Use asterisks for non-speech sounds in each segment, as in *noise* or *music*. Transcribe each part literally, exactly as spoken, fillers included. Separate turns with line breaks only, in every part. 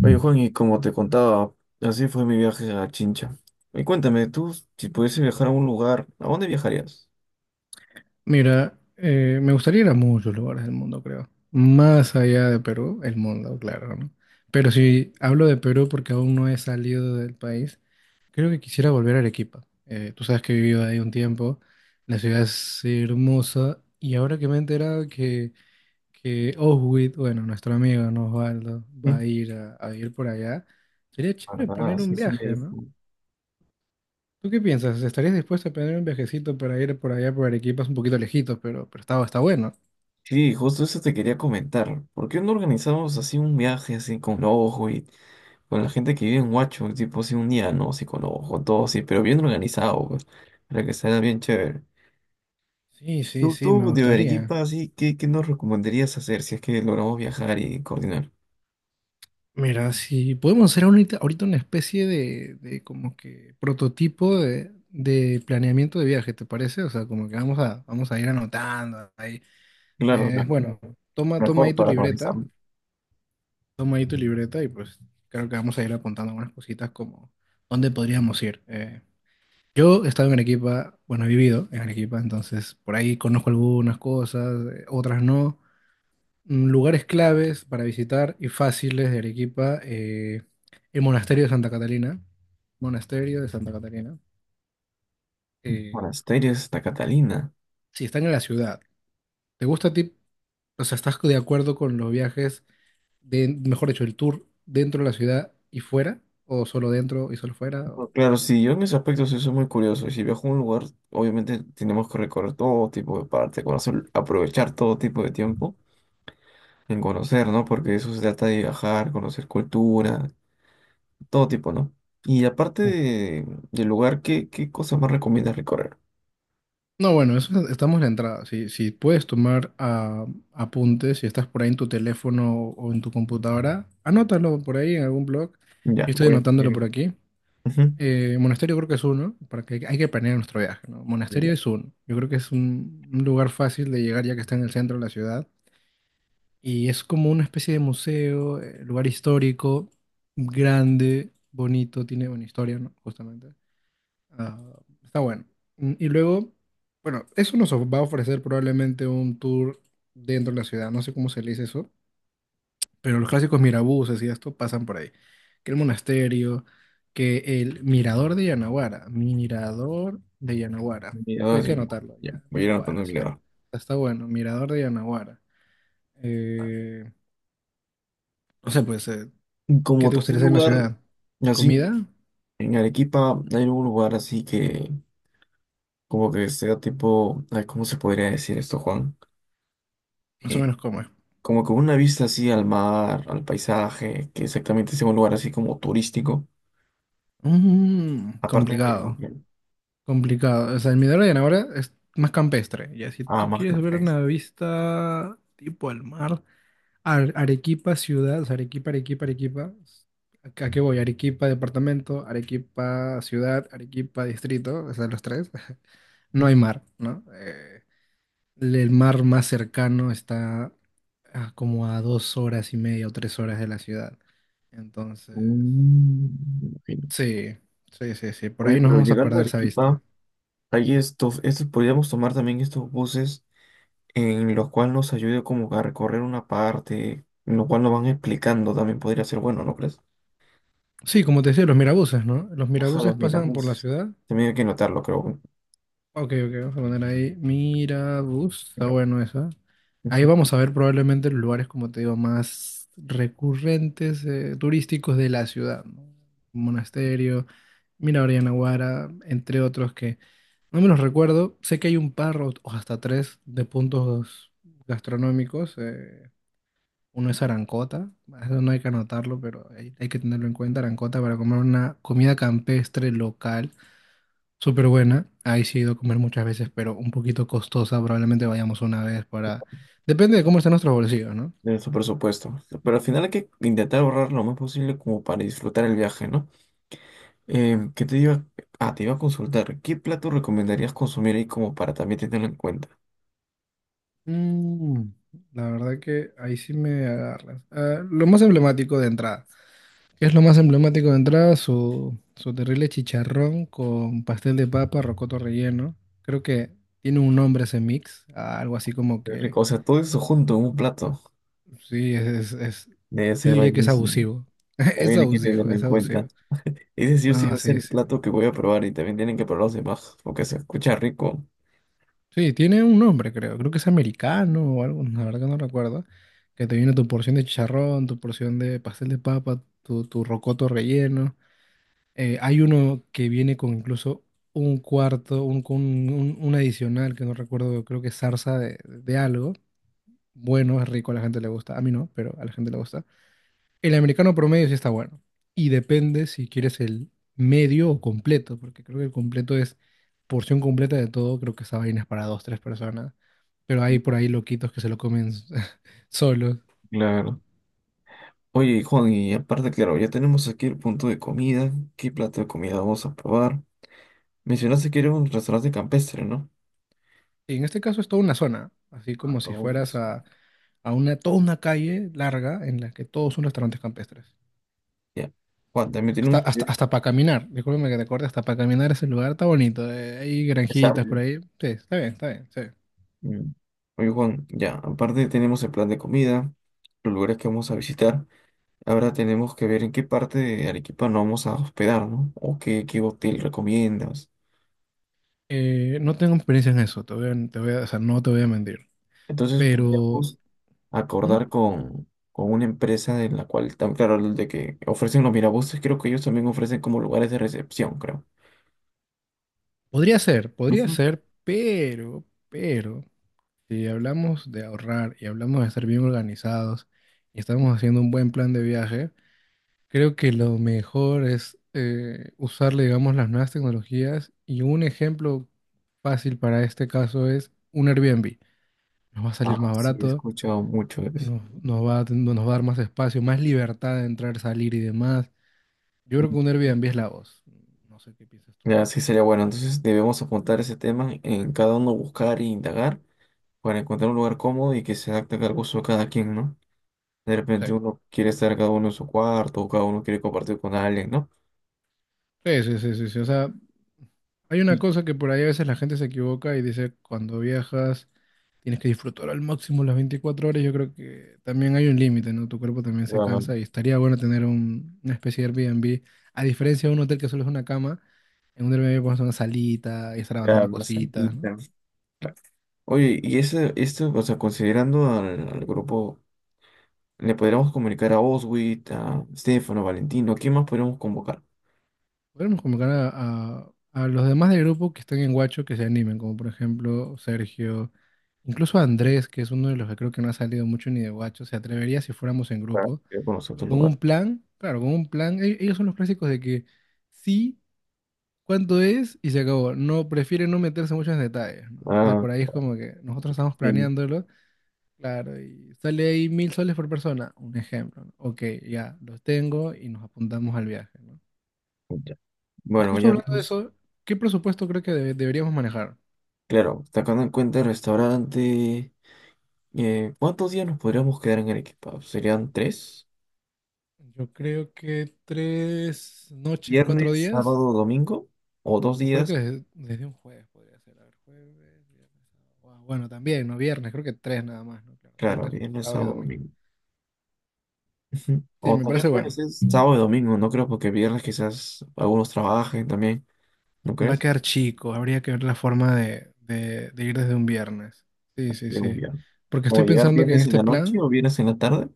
Oye, Juan, y como te contaba, así fue mi viaje a Chincha. Y cuéntame, tú, si pudiese viajar a un lugar, ¿a dónde viajarías?
Mira, eh, me gustaría ir a muchos lugares del mundo, creo. Más allá de Perú, el mundo, claro, ¿no? Pero si hablo de Perú porque aún no he salido del país, creo que quisiera volver a Arequipa. Eh, tú sabes que he vivido ahí un tiempo, la ciudad es hermosa y ahora que me he enterado que, que Oswit, bueno, nuestro amigo, ¿no? Osvaldo, va
¿Mm?
a ir a, a ir por allá, sería chévere
¿Verdad?
planear un
Sí, sí me
viaje,
dijo.
¿no? ¿Tú qué piensas? ¿Estarías dispuesto a planear un viajecito para ir por allá por Arequipa? Es un poquito lejitos, pero, pero está, está bueno.
Sí, justo eso te quería comentar. ¿Por qué no organizamos así un viaje así con ojo y con la gente que vive en Huacho, tipo así un día, ¿no? Así con ojo, todo así, pero bien organizado, pues, para que sea bien chévere.
Sí, sí,
Tú,
sí, me
tú de
gustaría.
Arequipa, así, ¿qué, qué nos recomendarías hacer si es que logramos viajar y coordinar?
Mira, si podemos hacer ahorita, ahorita una especie de, de como que prototipo de, de planeamiento de viaje, ¿te parece? O sea, como que vamos a, vamos a ir anotando ahí.
Claro,
Eh,
me-
bueno, toma, toma ahí
mejor
tu
para organizar
libreta, toma ahí tu libreta y pues creo que vamos a ir apuntando algunas cositas como dónde podríamos ir. Eh, yo he estado en Arequipa, bueno, he vivido en Arequipa, entonces por ahí conozco algunas cosas, eh, otras no. Mm, lugares claves para visitar y fáciles de Arequipa, eh, el monasterio de Santa Catalina. Monasterio de Santa Catalina. Eh,
monasterios, Santa Catalina.
si están en la ciudad, ¿te gusta a ti? O sea, ¿estás de acuerdo con los viajes, de, mejor dicho, el tour dentro de la ciudad y fuera? ¿O solo dentro y solo fuera? ¿O-
Pues, claro, sí, yo en ese aspecto sí soy muy curioso. Y si viajo a un lugar, obviamente tenemos que recorrer todo tipo de parte, conocer, aprovechar todo tipo de tiempo en conocer, ¿no? Porque eso se trata de viajar, conocer cultura, todo tipo, ¿no? Y aparte de, del lugar, ¿qué, qué cosas más recomiendas recorrer?
No, bueno, eso, estamos en la entrada. Si, si puedes tomar ah, apuntes, si estás por ahí en tu teléfono o en tu computadora, anótalo por ahí en algún blog.
Ya,
Yo estoy
voy a
anotándolo
ir.
por aquí.
Ujú.
Eh, Monasterio creo que es uno, para que hay que planear nuestro viaje, ¿no? Monasterio
Ya,
es uno. Yo creo que es un, un lugar fácil de llegar ya que está en el centro de la ciudad. Y es como una especie de museo, eh, lugar histórico, grande, bonito, tiene buena historia, ¿no? Justamente. Ah, está bueno. Mm, y luego, bueno, eso nos va a ofrecer probablemente un tour dentro de la ciudad. No sé cómo se le dice eso. Pero los clásicos mirabuses y esto pasan por ahí. Que el monasterio, que el mirador de Yanaguara, mirador de Yanaguara. Eso
mira,
hay que
sí,
anotarlo,
ya, voy a ir anotando
Yanaguara,
en mi
sí. Está
lado.
está bueno, mirador de Yanaguara. Eh, no sé, pues, eh,
Y
¿qué
como
te
tercer
gustaría hacer en la
lugar,
ciudad?
así,
¿Comida?
en Arequipa hay un lugar así que, como que sea tipo, ay, ¿cómo se podría decir esto, Juan?
Más o
eh,
menos cómo es.
Como con una vista así al mar, al paisaje, que exactamente es un lugar así como turístico.
Mm,
Aparte de mi.
complicado, complicado. O sea, el mirador de Yanaguara es más campestre. Ya, si
Ah,
tú
más
quieres ver
campestre.
una vista tipo al mar. Ar- Arequipa ciudad, o sea, Arequipa, Arequipa, Arequipa. ¿A a qué voy? Arequipa departamento, Arequipa ciudad, Arequipa distrito, o sea, los tres. *laughs* No hay mar, ¿no? Eh, el mar más cercano está a como a dos horas y media o tres horas de la ciudad. Entonces,
Mm, me imagino.
sí, sí, sí, sí, por
Oye,
ahí nos
pero
vamos a
llegando a
perder esa
Arequipa,
vista.
hay estos, estos, podríamos tomar también estos buses en los cuales nos ayude como a recorrer una parte, en lo cual nos van explicando, también podría ser bueno, ¿no crees? *laughs*
Sí, como te decía, los mirabuses, ¿no? Los
Ajá,
mirabuses
los
pasan por la
mirabuses.
ciudad.
También hay que notarlo, creo.
Ok, ok, vamos a poner ahí. Mira, bus, está bueno esa. Ahí vamos a ver probablemente los lugares, como te digo, más recurrentes, eh, turísticos de la ciudad, ¿no? Monasterio, Mirador Yanaguara, entre otros que no me los recuerdo. Sé que hay un par o o hasta tres de puntos gastronómicos. eh, uno es Arancota, eso no hay que anotarlo, pero hay, hay que tenerlo en cuenta, Arancota, para comer una comida campestre local. Súper buena. Ahí sí he ido a comer muchas veces, pero un poquito costosa. Probablemente vayamos una vez para... Depende de cómo estén nuestros bolsillos, ¿no?
De nuestro presupuesto. Pero al final hay que intentar ahorrar lo más posible como para disfrutar el viaje, ¿no? Em, ¿qué te iba? Ah, te iba a consultar. ¿Qué plato recomendarías consumir ahí como para también tenerlo en cuenta?
Mm, la verdad que ahí sí me agarras. Ah, lo más emblemático de entrada. ¿Qué es lo más emblemático de entrada? Su, su terrible chicharrón con pastel de papa, rocoto relleno. Creo que tiene un nombre ese mix. ah, algo así como
Qué
que...
rico. O sea, todo eso junto en un plato.
Sí, es, es, es-
Debe
Yo
ser
diría que es
buenísimo.
abusivo. *laughs* Es
También hay que
abusivo,
tenerlo
es
en cuenta.
abusivo.
Ese sí o sí va
No,
a ser
sí,
el
sí.
plato que voy a probar y también tienen que probar los demás porque se escucha rico.
Sí, tiene un nombre, creo. Creo que es americano o algo, la verdad que no recuerdo. Que te viene tu porción de chicharrón, tu porción de pastel de papa, tu, tu rocoto relleno. Eh, hay uno que viene con incluso un cuarto, un, con un, un adicional que no recuerdo, creo que es zarza de, de algo. Bueno, es rico, a la gente le gusta. A mí no, pero a la gente le gusta. El americano promedio sí está bueno. Y depende si quieres el medio o completo, porque creo que el completo es porción completa de todo. Creo que esa vaina es para dos, tres personas. Pero hay por ahí loquitos que se lo comen *laughs* solos.
Claro. Oye, Juan, y aparte, claro, ya tenemos aquí el punto de comida. ¿Qué plato de comida vamos a probar? Mencionaste que era un restaurante campestre, ¿no?
Y en este caso es toda una zona, así
A
como si fueras
todos.
a, a una, toda una calle larga en la que todos son restaurantes campestres.
Ya. Juan, también
Hasta,
tenemos que
hasta,
ver
hasta para caminar, discúlpame que te corte, hasta para caminar ese lugar está bonito. eh, hay
qué
granjitas por
sabe.
ahí. Sí, está bien, está bien, sí.
Mm. Oye, Juan, ya. Aparte tenemos el plan de comida, los lugares que vamos a visitar. Ahora tenemos que ver en qué parte de Arequipa nos vamos a hospedar, ¿no? O qué, qué hotel recomiendas.
Eh, no tengo experiencia en eso, te voy a- te voy a- o sea, no te voy a mentir,
Entonces
pero
podríamos
¿Mm?
acordar con, con una empresa de la cual, tam- claro, de que ofrecen los mirabuses, creo que ellos también ofrecen como lugares de recepción, creo.
Podría ser, podría
Ujú.
ser, pero, pero, si hablamos de ahorrar y hablamos de estar bien organizados y estamos haciendo un buen plan de viaje, creo que lo mejor es eh, usar, digamos, las nuevas tecnologías y un ejemplo fácil para este caso es un Airbnb. Nos va a salir
Ah,
más
sí, he
barato,
escuchado mucho de eso.
nos, nos va, a- nos va a dar más espacio, más libertad de entrar, salir y demás. Yo creo que un Airbnb es la voz. No sé qué piensas tú.
Ya, sí sería bueno. Entonces debemos apuntar ese tema en cada uno buscar e indagar para encontrar un lugar cómodo y que se adapte al gusto de cada quien, ¿no? De
Sí,
repente uno quiere estar cada uno en su cuarto o cada uno quiere compartir con alguien, ¿no?
sí, sí, sí, sí. Sí. O sea, hay una
Y
cosa que por ahí a veces la gente se equivoca y dice, cuando viajas tienes que disfrutar al máximo las veinticuatro horas. Yo creo que también hay un límite, ¿no? Tu cuerpo también se
ah,
cansa y estaría bueno tener un- una especie de Airbnb. A diferencia de un hotel que solo es una cama, en un Airbnb pones una salita y estar
ya,
avanzando
una
cositas, ¿no?
salita. Oye, y ese, esto, o sea, considerando al, al grupo, ¿le podríamos comunicar a Oswit, a Stefano, Valentino? ¿Quién más podríamos convocar?
Podemos convocar a, a- a los demás del grupo que están en Guacho que se animen, como por ejemplo Sergio, incluso Andrés, que es uno de los que creo que no ha salido mucho ni de Guacho, se atrevería si fuéramos en
Para
grupo.
que conozca
Y
otro
con
lugar.
un plan, claro, con un plan, e- ellos son los clásicos de que sí, cuánto es y se acabó. No, prefieren no meterse mucho en detalles, ¿no? Entonces
Ah,
por ahí es como que nosotros estamos
sí.
planeándolo, claro, y sale ahí mil soles por persona, un ejemplo, ¿no? Ok, ya, los tengo y nos apuntamos al viaje, ¿no?
Ya.
Y
Bueno,
justo
ya
hablando de
vimos.
eso, ¿qué presupuesto creo que debe- deberíamos manejar?
Claro, sacando en cuenta el restaurante, eh, ¿cuántos días nos podríamos quedar en Arequipa? ¿Serían tres?
Yo creo que tres noches, cuatro
¿Viernes,
días,
sábado, domingo? ¿O dos
o creo que
días?
desde, desde un jueves podría ser. A ver, jueves, viernes, sábado. Guau, bueno, también, ¿no? Viernes, creo que tres nada más, ¿no? Claro,
Claro,
viernes,
viernes,
sábado y
sábado,
domingo.
domingo. Ujú.
Sí,
O
me
también
parece
puede
bueno.
ser sábado y domingo, no creo, porque viernes quizás algunos trabajen también, ¿no
Va a
crees?
quedar chico, habría que ver la forma de, de, de ir desde un viernes. Sí, sí,
Llega un
sí.
viernes.
Porque
¿O
estoy
llegar
pensando que en
viernes en
este
la noche
plan,
o viernes en la tarde?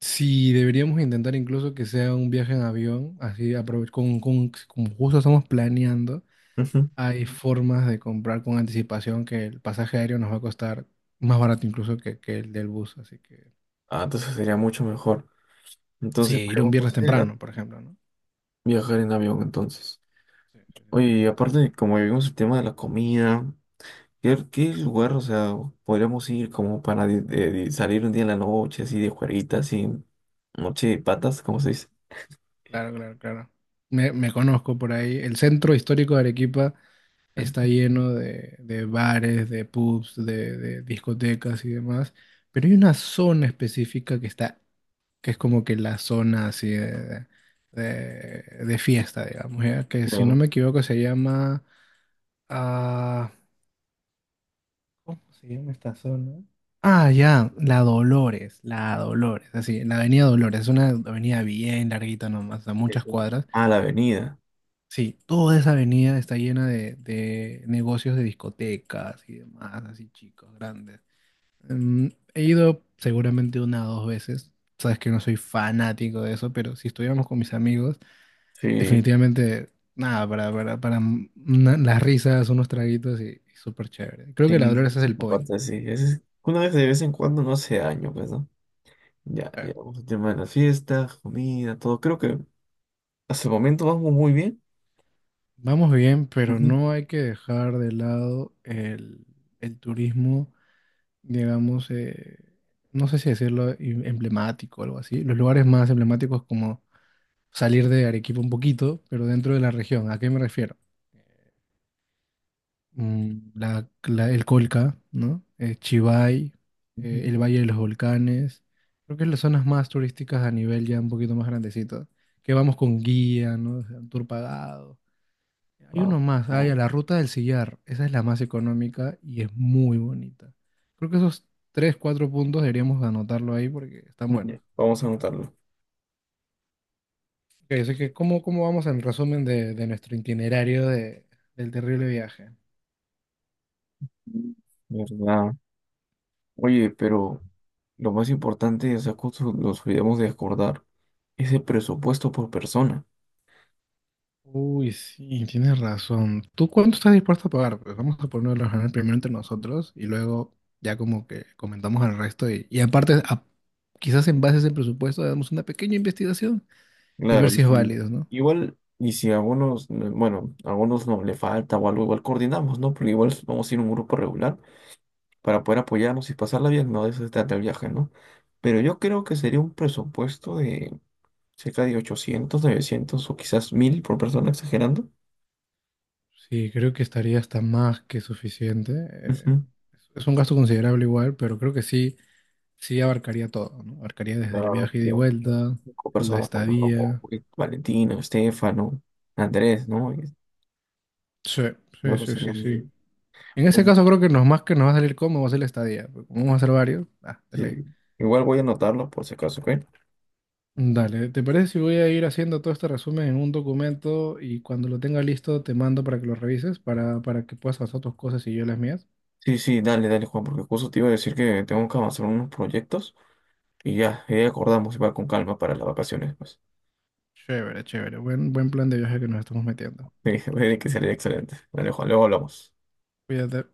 si deberíamos intentar incluso que sea un viaje en avión, así aprove- con, con, como justo estamos planeando.
Ujú.
Hay formas de comprar con anticipación que el pasaje aéreo nos va a costar más barato incluso que, que el del bus. Así que
Ah, entonces sería mucho mejor.
sí,
Entonces
ir un
podemos
viernes
considerar
temprano, por ejemplo, ¿no?
viajar en avión entonces.
Sí, sí, sí, sí,
Oye,
hay que
y
notar eso.
aparte, como vimos el tema de la comida. ¿Qué, qué lugar, o sea, podríamos ir como para di- de- de salir un día en la noche, así de juerguita, así, noche de patas, ¿cómo se dice?
Claro, claro, claro. Me, me conozco por ahí. El centro histórico de Arequipa está lleno de, de bares, de pubs, de, de discotecas y demás. Pero hay una zona específica que está, que es como que la zona así de, de, de fiesta, digamos, ¿ya? Que si no
Claro.
me equivoco se llama... Ah, ¿cómo se llama esta zona? Ah, ya, la Dolores, la Dolores, así, la avenida Dolores, es una avenida bien larguita nomás, a muchas
Eso.
cuadras.
Ah, la avenida.
Sí, toda esa avenida está llena de, de negocios de discotecas y demás, así chicos, grandes. Mm, he ido seguramente una o dos veces, sabes que no soy fanático de eso, pero si estuviéramos con mis amigos,
Sí,
definitivamente, nada, para, para, para mm, una- las risas, unos traguitos y, y súper chévere. Creo que la
sí,
Dolores
siempre
es
se
el point.
comparte así. Es- una vez de vez en cuando no hace daño, pues, ¿no? Ya, ya vamos al tema de las fiestas, comida, todo. Creo que hasta el momento vamos muy bien.
Vamos bien, pero
Ujú,
no hay que dejar de lado el, el turismo, digamos, eh, no sé si decirlo em- emblemático o algo así. Los lugares más emblemáticos como salir de Arequipa un poquito, pero dentro de la región. ¿A qué me refiero? Mm, la- la- el Colca, ¿no? Eh, Chivay, eh,
ujú.
el Valle de los Volcanes. Creo que es las zonas más turísticas a nivel ya un poquito más grandecito. Que vamos con guía, ¿no? O sea, un tour pagado. Hay
Ah,
uno más, hay
ah,
a la Ruta del Sillar. Esa es la más económica y es muy bonita. Creo que esos tres cuatro puntos deberíamos anotarlo ahí porque están buenos.
ya, vamos a anotarlo.
Ok, así que ¿cómo, cómo vamos en resumen de, de nuestro itinerario de- del terrible viaje?
Mm, ¿verdad? Oye, pero lo más importante es que nos olvidemos de acordar ese presupuesto por persona.
Uy, sí, tienes razón. ¿Tú cuánto estás dispuesto a pagar? Pues vamos a ponerlo a ganar primero entre nosotros y luego ya como que comentamos al resto y, y aparte, a- quizás en base a ese presupuesto, hagamos una pequeña investigación y
Claro,
ver
y
si es
si
válido, ¿no?
igual, y si a algunos, eh, bueno, a algunos no le falta o algo, igual coordinamos, ¿no? Pero igual vamos a ir a un grupo regular para poder apoyarnos y pasarla bien, no de eso se trata el viaje, ¿no? Pero yo creo que sería un presupuesto de cerca de ochocientos novecientos o quizás mil por persona, exagerando.
Sí, creo que estaría hasta más que suficiente. Eh,
Ujú.
es es un gasto considerable igual, pero creo que sí, sí abarcaría todo, ¿no? Abarcaría desde el
No,
viaje ida
sí,
y
unas
vuelta,
cinco
la
personas contando con
estadía.
Valentina, Estefano, Andrés, ¿no?
Sí,
Yo
sí,
creo que
sí,
sería
sí,
muy
sí.
bien.
En ese
Oye,
caso creo que nos más que nos va a salir cómo va a ser la estadía. Porque como vamos a hacer varios, ah, de
sí,
ley.
igual voy a anotarlo por si acaso, ¿ok?
Dale, ¿te parece si voy a ir haciendo todo este resumen en un documento y cuando lo tenga listo te mando para que lo revises, para, para que puedas hacer tus cosas y yo las mías?
Sí, sí, dale, dale, Juan, porque justo te iba a decir que tengo que avanzar unos proyectos y ya, ya acordamos, va con calma para las vacaciones, pues.
Chévere, chévere. Buen, buen plan de viaje que nos estamos metiendo.
*laughs* Sí, que sería excelente. Dale, Juan, luego hablamos.
Cuídate.